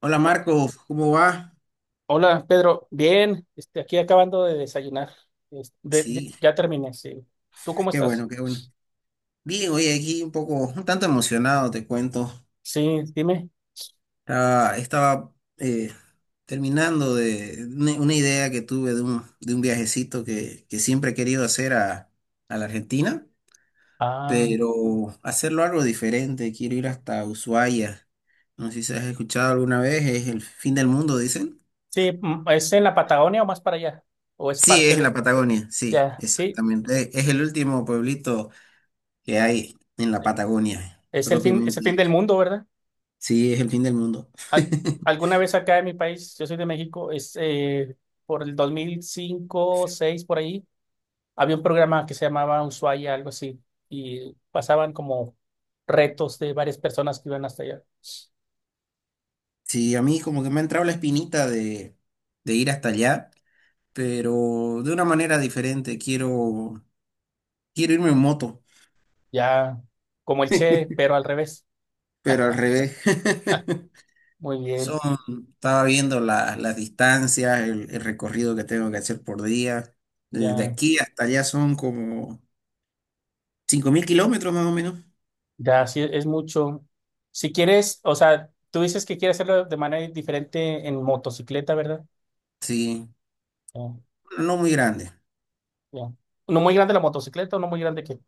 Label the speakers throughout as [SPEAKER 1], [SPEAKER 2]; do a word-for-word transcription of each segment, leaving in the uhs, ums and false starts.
[SPEAKER 1] Hola Marco, ¿cómo va?
[SPEAKER 2] Hola, Pedro. Bien, este, aquí acabando de desayunar. Es- de- ya,
[SPEAKER 1] Sí,
[SPEAKER 2] ya terminé, sí. ¿Tú cómo
[SPEAKER 1] qué
[SPEAKER 2] estás?
[SPEAKER 1] bueno, qué bueno. Bien, oye, aquí un poco, un tanto emocionado, te cuento.
[SPEAKER 2] Sí, dime.
[SPEAKER 1] Ah, estaba eh, terminando de una una idea que tuve de un, de un viajecito que, que siempre he querido hacer a, a la Argentina,
[SPEAKER 2] Ah,
[SPEAKER 1] pero hacerlo algo diferente. Quiero ir hasta Ushuaia. No sé si has escuchado alguna vez, es el fin del mundo, dicen.
[SPEAKER 2] sí, mm, ¿es en la Patagonia o más para allá? ¿O es
[SPEAKER 1] Sí,
[SPEAKER 2] parte
[SPEAKER 1] es en la
[SPEAKER 2] de?
[SPEAKER 1] Patagonia, sí,
[SPEAKER 2] Ya, sí.
[SPEAKER 1] exactamente. Es, es el último pueblito que hay en la Patagonia,
[SPEAKER 2] Es el fin, es el
[SPEAKER 1] propiamente
[SPEAKER 2] fin del
[SPEAKER 1] dicho.
[SPEAKER 2] mundo, ¿verdad?
[SPEAKER 1] Sí, es el fin del mundo.
[SPEAKER 2] Al- alguna vez acá en mi país, yo soy de México, es eh, por el dos mil cinco, seis por ahí, había un programa que se llamaba Ushuaia, algo así, y pasaban como retos de varias personas que iban hasta allá.
[SPEAKER 1] Sí, a mí como que me ha entrado la espinita de, de ir hasta allá, pero de una manera diferente. Quiero, quiero irme en moto,
[SPEAKER 2] Ya, como el Che, pero al revés.
[SPEAKER 1] pero al revés.
[SPEAKER 2] Muy
[SPEAKER 1] Son,
[SPEAKER 2] bien,
[SPEAKER 1] estaba viendo la- las distancias, el, el recorrido que tengo que hacer por día. Desde
[SPEAKER 2] ya,
[SPEAKER 1] aquí hasta allá son como cinco mil kilómetros más o menos.
[SPEAKER 2] ya, sí, es mucho. Si quieres, o sea, tú dices que quieres hacerlo de manera diferente en motocicleta, ¿verdad?
[SPEAKER 1] Sí,
[SPEAKER 2] Ya,
[SPEAKER 1] no muy grande.
[SPEAKER 2] ya. ¿No muy grande la motocicleta o no muy grande que?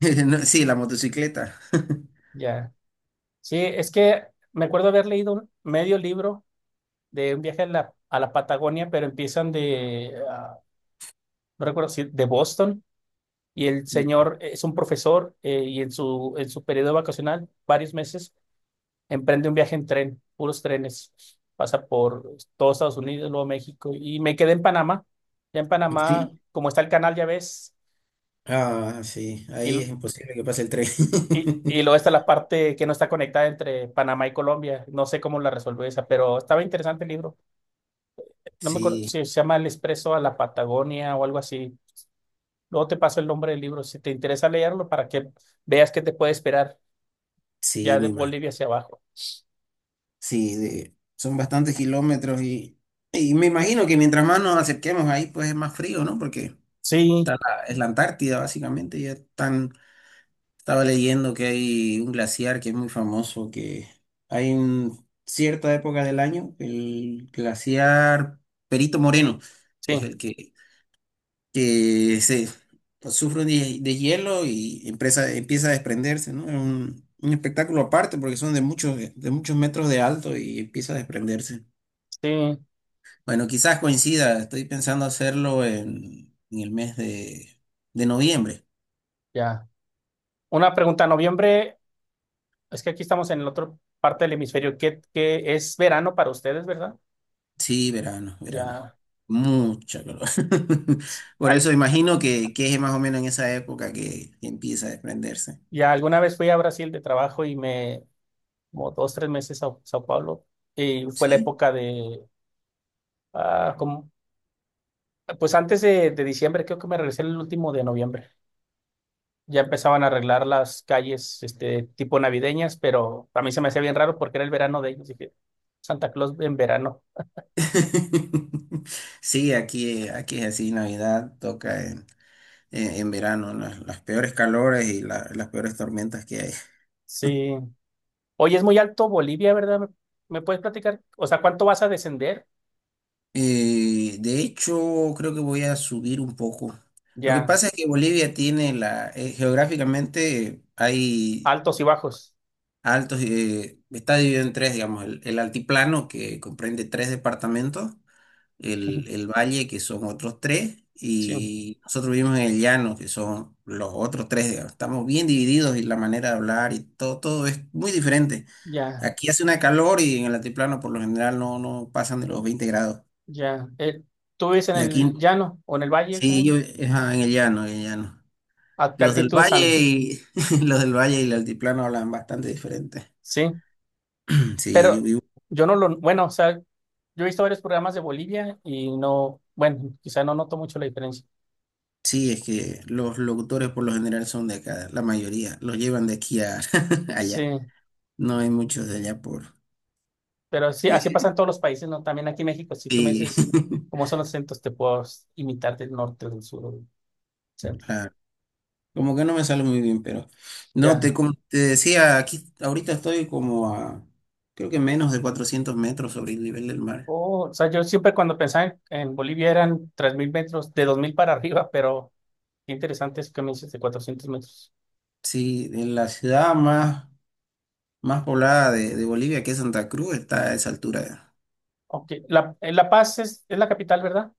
[SPEAKER 1] No, Sí, la motocicleta.
[SPEAKER 2] Ya. Sí, es que me acuerdo haber leído un medio libro de un viaje a la, a la Patagonia, pero empiezan de, ah, no recuerdo si, de Boston, y el señor es un profesor eh, y en su, en su periodo vacacional, varios meses emprende un viaje en tren, puros trenes. Pasa por todo Estados Unidos, luego México. Y me quedé en Panamá. Ya en Panamá,
[SPEAKER 1] Sí.
[SPEAKER 2] como está el canal, ya ves.
[SPEAKER 1] Ah, sí, ahí es
[SPEAKER 2] Y,
[SPEAKER 1] imposible que pase el tren.
[SPEAKER 2] y, y luego está la parte que no está conectada entre Panamá y Colombia. No sé cómo la resolvió esa, pero estaba interesante el libro. No me acuerdo
[SPEAKER 1] Sí,
[SPEAKER 2] si se llama El Expreso a la Patagonia o algo así. Luego te paso el nombre del libro si te interesa leerlo para que veas qué te puede esperar
[SPEAKER 1] sí,
[SPEAKER 2] ya de
[SPEAKER 1] me imagino.
[SPEAKER 2] Bolivia hacia abajo.
[SPEAKER 1] Sí, de- son bastantes kilómetros y, y me imagino que mientras más nos acerquemos ahí, pues es más frío, ¿no? Porque está
[SPEAKER 2] Sí,
[SPEAKER 1] la- es la Antártida, básicamente. Ya están, estaba leyendo que hay un glaciar que es muy famoso, que hay en cierta época del año, el glaciar Perito Moreno, que es
[SPEAKER 2] sí,
[SPEAKER 1] el que que se sufre un de- hielo y empresa- empieza a desprenderse, ¿no? Es un, un espectáculo aparte porque son de muchos, de muchos metros de alto y empieza a desprenderse.
[SPEAKER 2] sí,
[SPEAKER 1] Bueno, quizás coincida, estoy pensando hacerlo en, en el mes de, de noviembre.
[SPEAKER 2] ya. Una pregunta, ¿noviembre? Es que aquí estamos en la otra parte del hemisferio, que, que es verano para ustedes, ¿verdad?
[SPEAKER 1] Sí, verano, verano.
[SPEAKER 2] Ya,
[SPEAKER 1] Mucha calor. Por
[SPEAKER 2] al-
[SPEAKER 1] eso imagino que, que es más o menos en esa época que, que empieza a desprenderse.
[SPEAKER 2] ya alguna vez fui a Brasil de trabajo y me, como dos, tres meses a Sao Paulo, y fue la
[SPEAKER 1] ¿Sí?
[SPEAKER 2] época de, ah, como, pues antes de, de diciembre, creo que me regresé el último de noviembre. Ya empezaban a arreglar las calles, este, tipo navideñas, pero a mí se me hacía bien raro porque era el verano de ellos, dije, Santa Claus en verano.
[SPEAKER 1] Sí, aquí, aquí es así, Navidad toca en eh, en verano, las, las peores calores y la- las peores tormentas que hay.
[SPEAKER 2] Sí. Oye, es muy alto Bolivia, ¿verdad? ¿Me me puedes platicar? O sea, ¿cuánto vas a descender?
[SPEAKER 1] Eh, de hecho, creo que voy a subir un poco. Lo que
[SPEAKER 2] Ya,
[SPEAKER 1] pasa es que Bolivia tiene la, eh, geográficamente hay
[SPEAKER 2] altos y bajos.
[SPEAKER 1] altos, eh, está dividido en tres, digamos, el, el altiplano que comprende tres departamentos,
[SPEAKER 2] Ujú,
[SPEAKER 1] el, el valle, que son otros tres,
[SPEAKER 2] sí,
[SPEAKER 1] y nosotros vivimos en el llano, que son los otros tres, digamos. Estamos bien divididos y la manera de hablar y todo, todo es muy diferente.
[SPEAKER 2] ya,
[SPEAKER 1] Aquí hace una calor y en el altiplano por lo general no, no pasan de los veinte grados.
[SPEAKER 2] ya. Eh, ¿tú vives en
[SPEAKER 1] Y aquí,
[SPEAKER 2] el llano o en el valle?
[SPEAKER 1] sí, yo,
[SPEAKER 2] ¿Cómo?
[SPEAKER 1] ajá, en el llano, en el llano.
[SPEAKER 2] ¿A qué
[SPEAKER 1] Los del
[SPEAKER 2] altitud
[SPEAKER 1] valle
[SPEAKER 2] están?
[SPEAKER 1] y los del valle y el altiplano hablan bastante diferente.
[SPEAKER 2] Sí,
[SPEAKER 1] Sí, yo
[SPEAKER 2] pero
[SPEAKER 1] vivo-
[SPEAKER 2] yo no lo, bueno, o sea, yo he visto varios programas de Bolivia y no, bueno, quizá no noto mucho la diferencia.
[SPEAKER 1] Sí, es que los locutores por lo general son de acá, la mayoría los llevan de aquí a
[SPEAKER 2] Sí,
[SPEAKER 1] allá. No hay muchos de allá por...
[SPEAKER 2] pero sí, así
[SPEAKER 1] Eh,
[SPEAKER 2] pasa en todos los países, ¿no? También aquí en México, si tú me
[SPEAKER 1] Sí,
[SPEAKER 2] dices cómo son los centros, te puedo imitar del norte, del sur, o del centro.
[SPEAKER 1] claro. Como que no me sale muy bien, pero... No, te,
[SPEAKER 2] Ya.
[SPEAKER 1] como te decía, aquí ahorita estoy como a... Creo que menos de cuatrocientos metros sobre el nivel del mar.
[SPEAKER 2] Oh, o sea, yo siempre cuando pensaba en, en Bolivia eran tres mil metros, de dos mil para arriba, pero. Qué interesante eso que me dices de cuatrocientos metros.
[SPEAKER 1] Sí, en la ciudad más, más poblada de, de Bolivia, que es Santa Cruz, está a esa altura.
[SPEAKER 2] Ok, La, eh, La Paz es, es la capital, ¿verdad?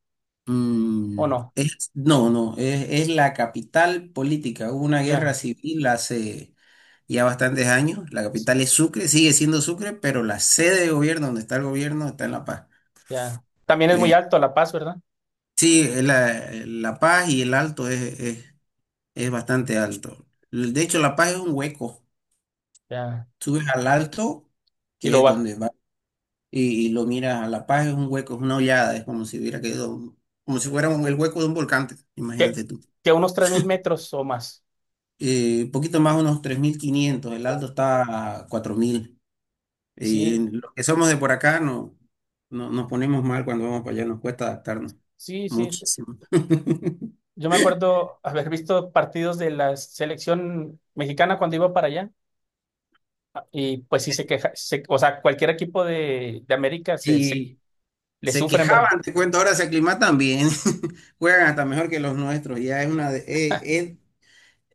[SPEAKER 2] ¿O
[SPEAKER 1] Mm,
[SPEAKER 2] no?
[SPEAKER 1] es- no, no, es, es la capital política. Hubo una guerra
[SPEAKER 2] Ya,
[SPEAKER 1] civil hace ya bastantes años. La
[SPEAKER 2] sí,
[SPEAKER 1] capital es Sucre, sigue siendo Sucre, pero la sede de gobierno, donde está el gobierno, está en La Paz.
[SPEAKER 2] ya. También es muy
[SPEAKER 1] Eh,
[SPEAKER 2] alto La Paz, ¿verdad?
[SPEAKER 1] sí, es la, La Paz y el Alto es, es, es bastante alto. De hecho, La Paz es un hueco.
[SPEAKER 2] Ya.
[SPEAKER 1] Subes al Alto,
[SPEAKER 2] Y
[SPEAKER 1] que
[SPEAKER 2] lo
[SPEAKER 1] es
[SPEAKER 2] baja.
[SPEAKER 1] donde va, y, y lo miras a La Paz, es un hueco, es una hollada, es como si hubiera quedado, como si fuera un- el hueco de un volcán,
[SPEAKER 2] Que,
[SPEAKER 1] imagínate tú.
[SPEAKER 2] que a unos tres mil metros o más.
[SPEAKER 1] Eh, un poquito más, unos tres mil quinientos. el
[SPEAKER 2] O-
[SPEAKER 1] alto está a cuatro mil. Eh,
[SPEAKER 2] Sí,
[SPEAKER 1] los que somos de por acá no, no, nos ponemos mal cuando vamos para allá, nos cuesta adaptarnos
[SPEAKER 2] sí, sí, sí.
[SPEAKER 1] muchísimo.
[SPEAKER 2] Yo me acuerdo haber visto partidos de la selección mexicana cuando iba para allá. Y pues sí se queja. Se- o sea, cualquier equipo de, de América se, se-
[SPEAKER 1] Y
[SPEAKER 2] le
[SPEAKER 1] se
[SPEAKER 2] sufren, ¿verdad?
[SPEAKER 1] quejaban, te cuento, ahora se aclimatan bien, juegan hasta mejor que los nuestros, ya es una... de- eh, eh,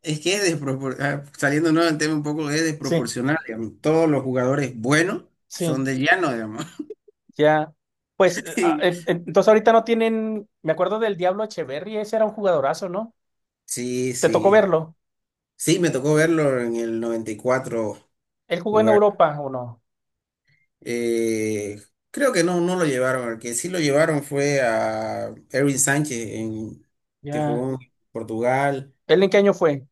[SPEAKER 1] es que es desproporcional, saliéndonos del tema un poco, es
[SPEAKER 2] Sí,
[SPEAKER 1] desproporcional, digamos. Todos los jugadores buenos son
[SPEAKER 2] sí.
[SPEAKER 1] del llano, digamos.
[SPEAKER 2] Ya, pues eh, ah, eh, eh, entonces ahorita no tienen, me acuerdo del Diablo Echeverri, ese era un jugadorazo, ¿no?
[SPEAKER 1] Sí,
[SPEAKER 2] ¿Te tocó
[SPEAKER 1] sí.
[SPEAKER 2] verlo?
[SPEAKER 1] Sí, me tocó verlo en el noventa y cuatro
[SPEAKER 2] ¿Él jugó en
[SPEAKER 1] jugar.
[SPEAKER 2] Europa o no?
[SPEAKER 1] Eh, Creo que no, no lo llevaron. El que sí lo llevaron fue a Erwin Sánchez, en, que
[SPEAKER 2] Ya.
[SPEAKER 1] jugó en Portugal
[SPEAKER 2] ¿Él en qué año fue?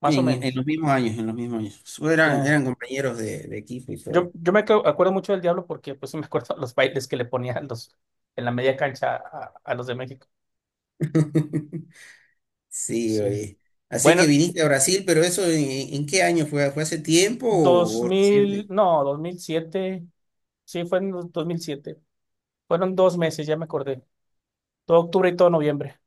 [SPEAKER 2] Más o
[SPEAKER 1] en, en
[SPEAKER 2] menos.
[SPEAKER 1] los mismos años, en los mismos años. Eran,
[SPEAKER 2] Ya.
[SPEAKER 1] eran compañeros de, de equipo y
[SPEAKER 2] Yo,
[SPEAKER 1] todo.
[SPEAKER 2] yo me acu- acuerdo mucho del Diablo porque pues sí me acuerdo los bailes que le ponía a los, en la media cancha a, a los de México.
[SPEAKER 1] Sí,
[SPEAKER 2] Sí.
[SPEAKER 1] oye. Así que
[SPEAKER 2] Bueno,
[SPEAKER 1] viniste a Brasil, pero eso, ¿en, en qué año fue? ¿Fue hace tiempo
[SPEAKER 2] dos
[SPEAKER 1] o, o
[SPEAKER 2] mil,
[SPEAKER 1] reciente?
[SPEAKER 2] no, dos mil siete. Sí, fue en dos mil siete. Fueron dos meses, ya me acordé. Todo octubre y todo noviembre.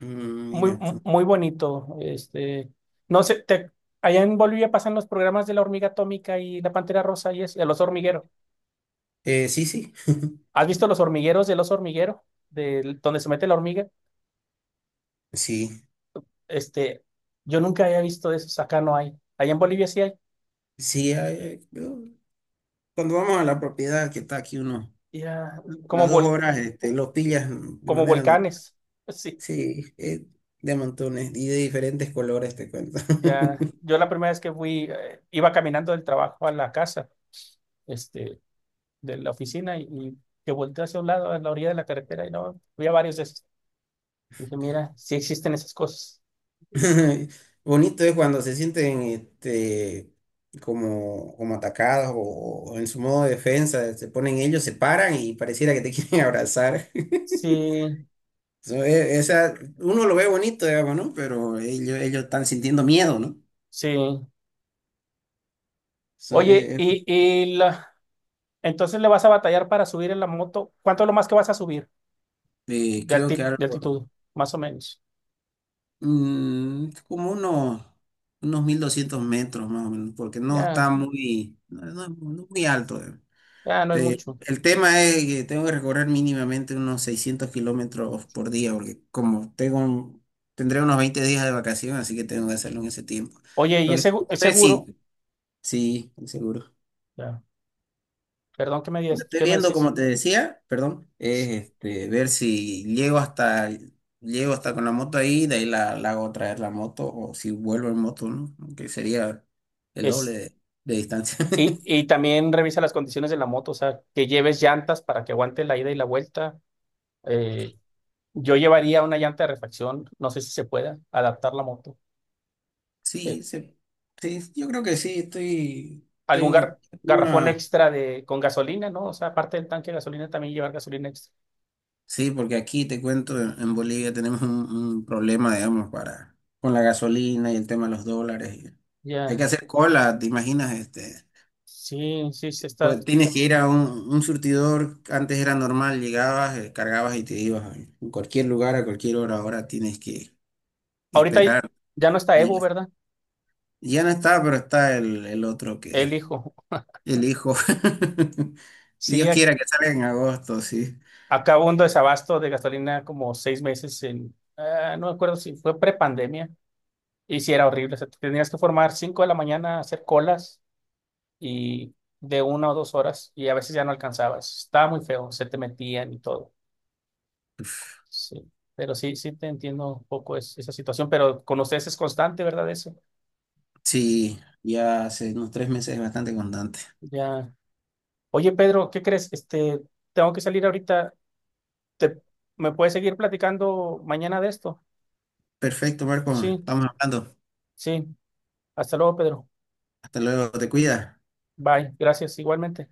[SPEAKER 1] Mm,
[SPEAKER 2] Muy,
[SPEAKER 1] mira
[SPEAKER 2] mu-
[SPEAKER 1] tú.
[SPEAKER 2] muy bonito. Este, no sé, te- allá en Bolivia pasan los programas de la hormiga atómica y la pantera rosa y es el oso hormiguero.
[SPEAKER 1] Eh, sí, sí,
[SPEAKER 2] ¿Has visto los hormigueros del oso hormiguero? Del, donde se mete la hormiga.
[SPEAKER 1] sí,
[SPEAKER 2] Este, yo nunca había visto esos. Acá no hay. Allá en Bolivia sí hay.
[SPEAKER 1] sí. Ah, eh, yo- cuando vamos a la propiedad que está aquí uno,
[SPEAKER 2] Ya, como
[SPEAKER 1] las dos
[SPEAKER 2] vol-
[SPEAKER 1] horas, este, lo pillas de
[SPEAKER 2] como
[SPEAKER 1] manera.
[SPEAKER 2] volcanes. Sí,
[SPEAKER 1] Sí, eh, de montones y de diferentes colores te cuento.
[SPEAKER 2] ya. Yo la primera vez que fui, eh, iba caminando del trabajo a la casa, este, de la oficina y, y que volteé hacia un lado, a la orilla de la carretera y no, había varios de esos. Dije, mira, sí existen esas cosas.
[SPEAKER 1] Bonito es cuando se sienten este, como, como atacados o, o en su modo de defensa, se ponen ellos, se paran y pareciera que te quieren abrazar.
[SPEAKER 2] Sí,
[SPEAKER 1] So, e- esa, uno lo ve bonito, digamos, ¿no? Pero ellos, ellos están sintiendo miedo, ¿no?
[SPEAKER 2] sí.
[SPEAKER 1] So,
[SPEAKER 2] Oye,
[SPEAKER 1] eh,
[SPEAKER 2] y, y la- entonces le vas a batallar para subir en la moto. ¿Cuánto es lo más que vas a subir
[SPEAKER 1] eh,
[SPEAKER 2] de,
[SPEAKER 1] creo que
[SPEAKER 2] alti- de
[SPEAKER 1] algo,
[SPEAKER 2] altitud? Más o menos.
[SPEAKER 1] mm, como unos, unos mil doscientos metros más o menos, porque no
[SPEAKER 2] Ya,
[SPEAKER 1] está muy, no, no- no muy alto.
[SPEAKER 2] ya no es
[SPEAKER 1] Eh,
[SPEAKER 2] mucho.
[SPEAKER 1] el tema es que tengo que recorrer mínimamente unos seiscientos kilómetros por día, porque como tengo un- tendré unos veinte días de vacación, así que tengo que hacerlo en ese tiempo.
[SPEAKER 2] Oye, y
[SPEAKER 1] Lo que
[SPEAKER 2] es,
[SPEAKER 1] estoy
[SPEAKER 2] segu-
[SPEAKER 1] viendo
[SPEAKER 2] es
[SPEAKER 1] es
[SPEAKER 2] seguro.
[SPEAKER 1] si, sí, seguro.
[SPEAKER 2] Ya. Perdón, ¿qué me
[SPEAKER 1] Lo que
[SPEAKER 2] dices?
[SPEAKER 1] estoy
[SPEAKER 2] ¿Qué me
[SPEAKER 1] viendo,
[SPEAKER 2] decís?
[SPEAKER 1] como te decía, perdón, es este, ver si llego hasta, llego hasta con la moto ahí, de ahí la, la hago traer la moto, o si vuelvo en moto, ¿no? Que sería el doble
[SPEAKER 2] Es,
[SPEAKER 1] de de distancia.
[SPEAKER 2] y, y también revisa las condiciones de la moto, o sea, que lleves llantas para que aguante la ida y la vuelta. Eh, yo llevaría una llanta de refacción, no sé si se pueda adaptar la moto. Eh,
[SPEAKER 1] Sí, se- sí, yo creo que sí, estoy,
[SPEAKER 2] algún
[SPEAKER 1] tengo
[SPEAKER 2] gar- garrafón
[SPEAKER 1] una...
[SPEAKER 2] extra de, con gasolina, ¿no? O sea, aparte del tanque de gasolina, también llevar gasolina extra.
[SPEAKER 1] Sí, porque aquí te cuento, en en Bolivia tenemos un, un problema, digamos, para, con la gasolina y el tema de los dólares. y hay que
[SPEAKER 2] Ya,
[SPEAKER 1] hacer cola, ¿te imaginas? Este,
[SPEAKER 2] sí, sí, se está.
[SPEAKER 1] pues tienes que ir a un, un surtidor, antes era normal, llegabas, eh, cargabas y te ibas a en cualquier lugar, a cualquier hora, ahora tienes que
[SPEAKER 2] Ahorita
[SPEAKER 1] esperar
[SPEAKER 2] ya no está Evo,
[SPEAKER 1] días.
[SPEAKER 2] ¿verdad?
[SPEAKER 1] Ya no está, pero está el, el otro que...
[SPEAKER 2] El hijo.
[SPEAKER 1] El hijo.
[SPEAKER 2] Sí,
[SPEAKER 1] Dios
[SPEAKER 2] a-
[SPEAKER 1] quiera que salga en agosto, sí.
[SPEAKER 2] acabó un desabasto de gasolina como seis meses en, ah, no me acuerdo si fue prepandemia. Y sí, era horrible. O sea, te tenías que formar cinco de la mañana, a hacer colas y de una o dos horas, y a veces ya no alcanzabas. Estaba muy feo, se te metían y todo. Sí, pero sí, sí te entiendo un poco es- esa situación, pero con ustedes es constante, ¿verdad? Eso.
[SPEAKER 1] Sí, ya hace unos tres meses es bastante constante.
[SPEAKER 2] Ya. Oye, Pedro, ¿qué crees? Este, tengo que salir ahorita. ¿Te, me puedes seguir platicando mañana de esto?
[SPEAKER 1] Perfecto, Marco.
[SPEAKER 2] Sí,
[SPEAKER 1] Estamos hablando.
[SPEAKER 2] sí. Hasta luego, Pedro.
[SPEAKER 1] Hasta luego. Te cuidas.
[SPEAKER 2] Bye. Gracias, igualmente.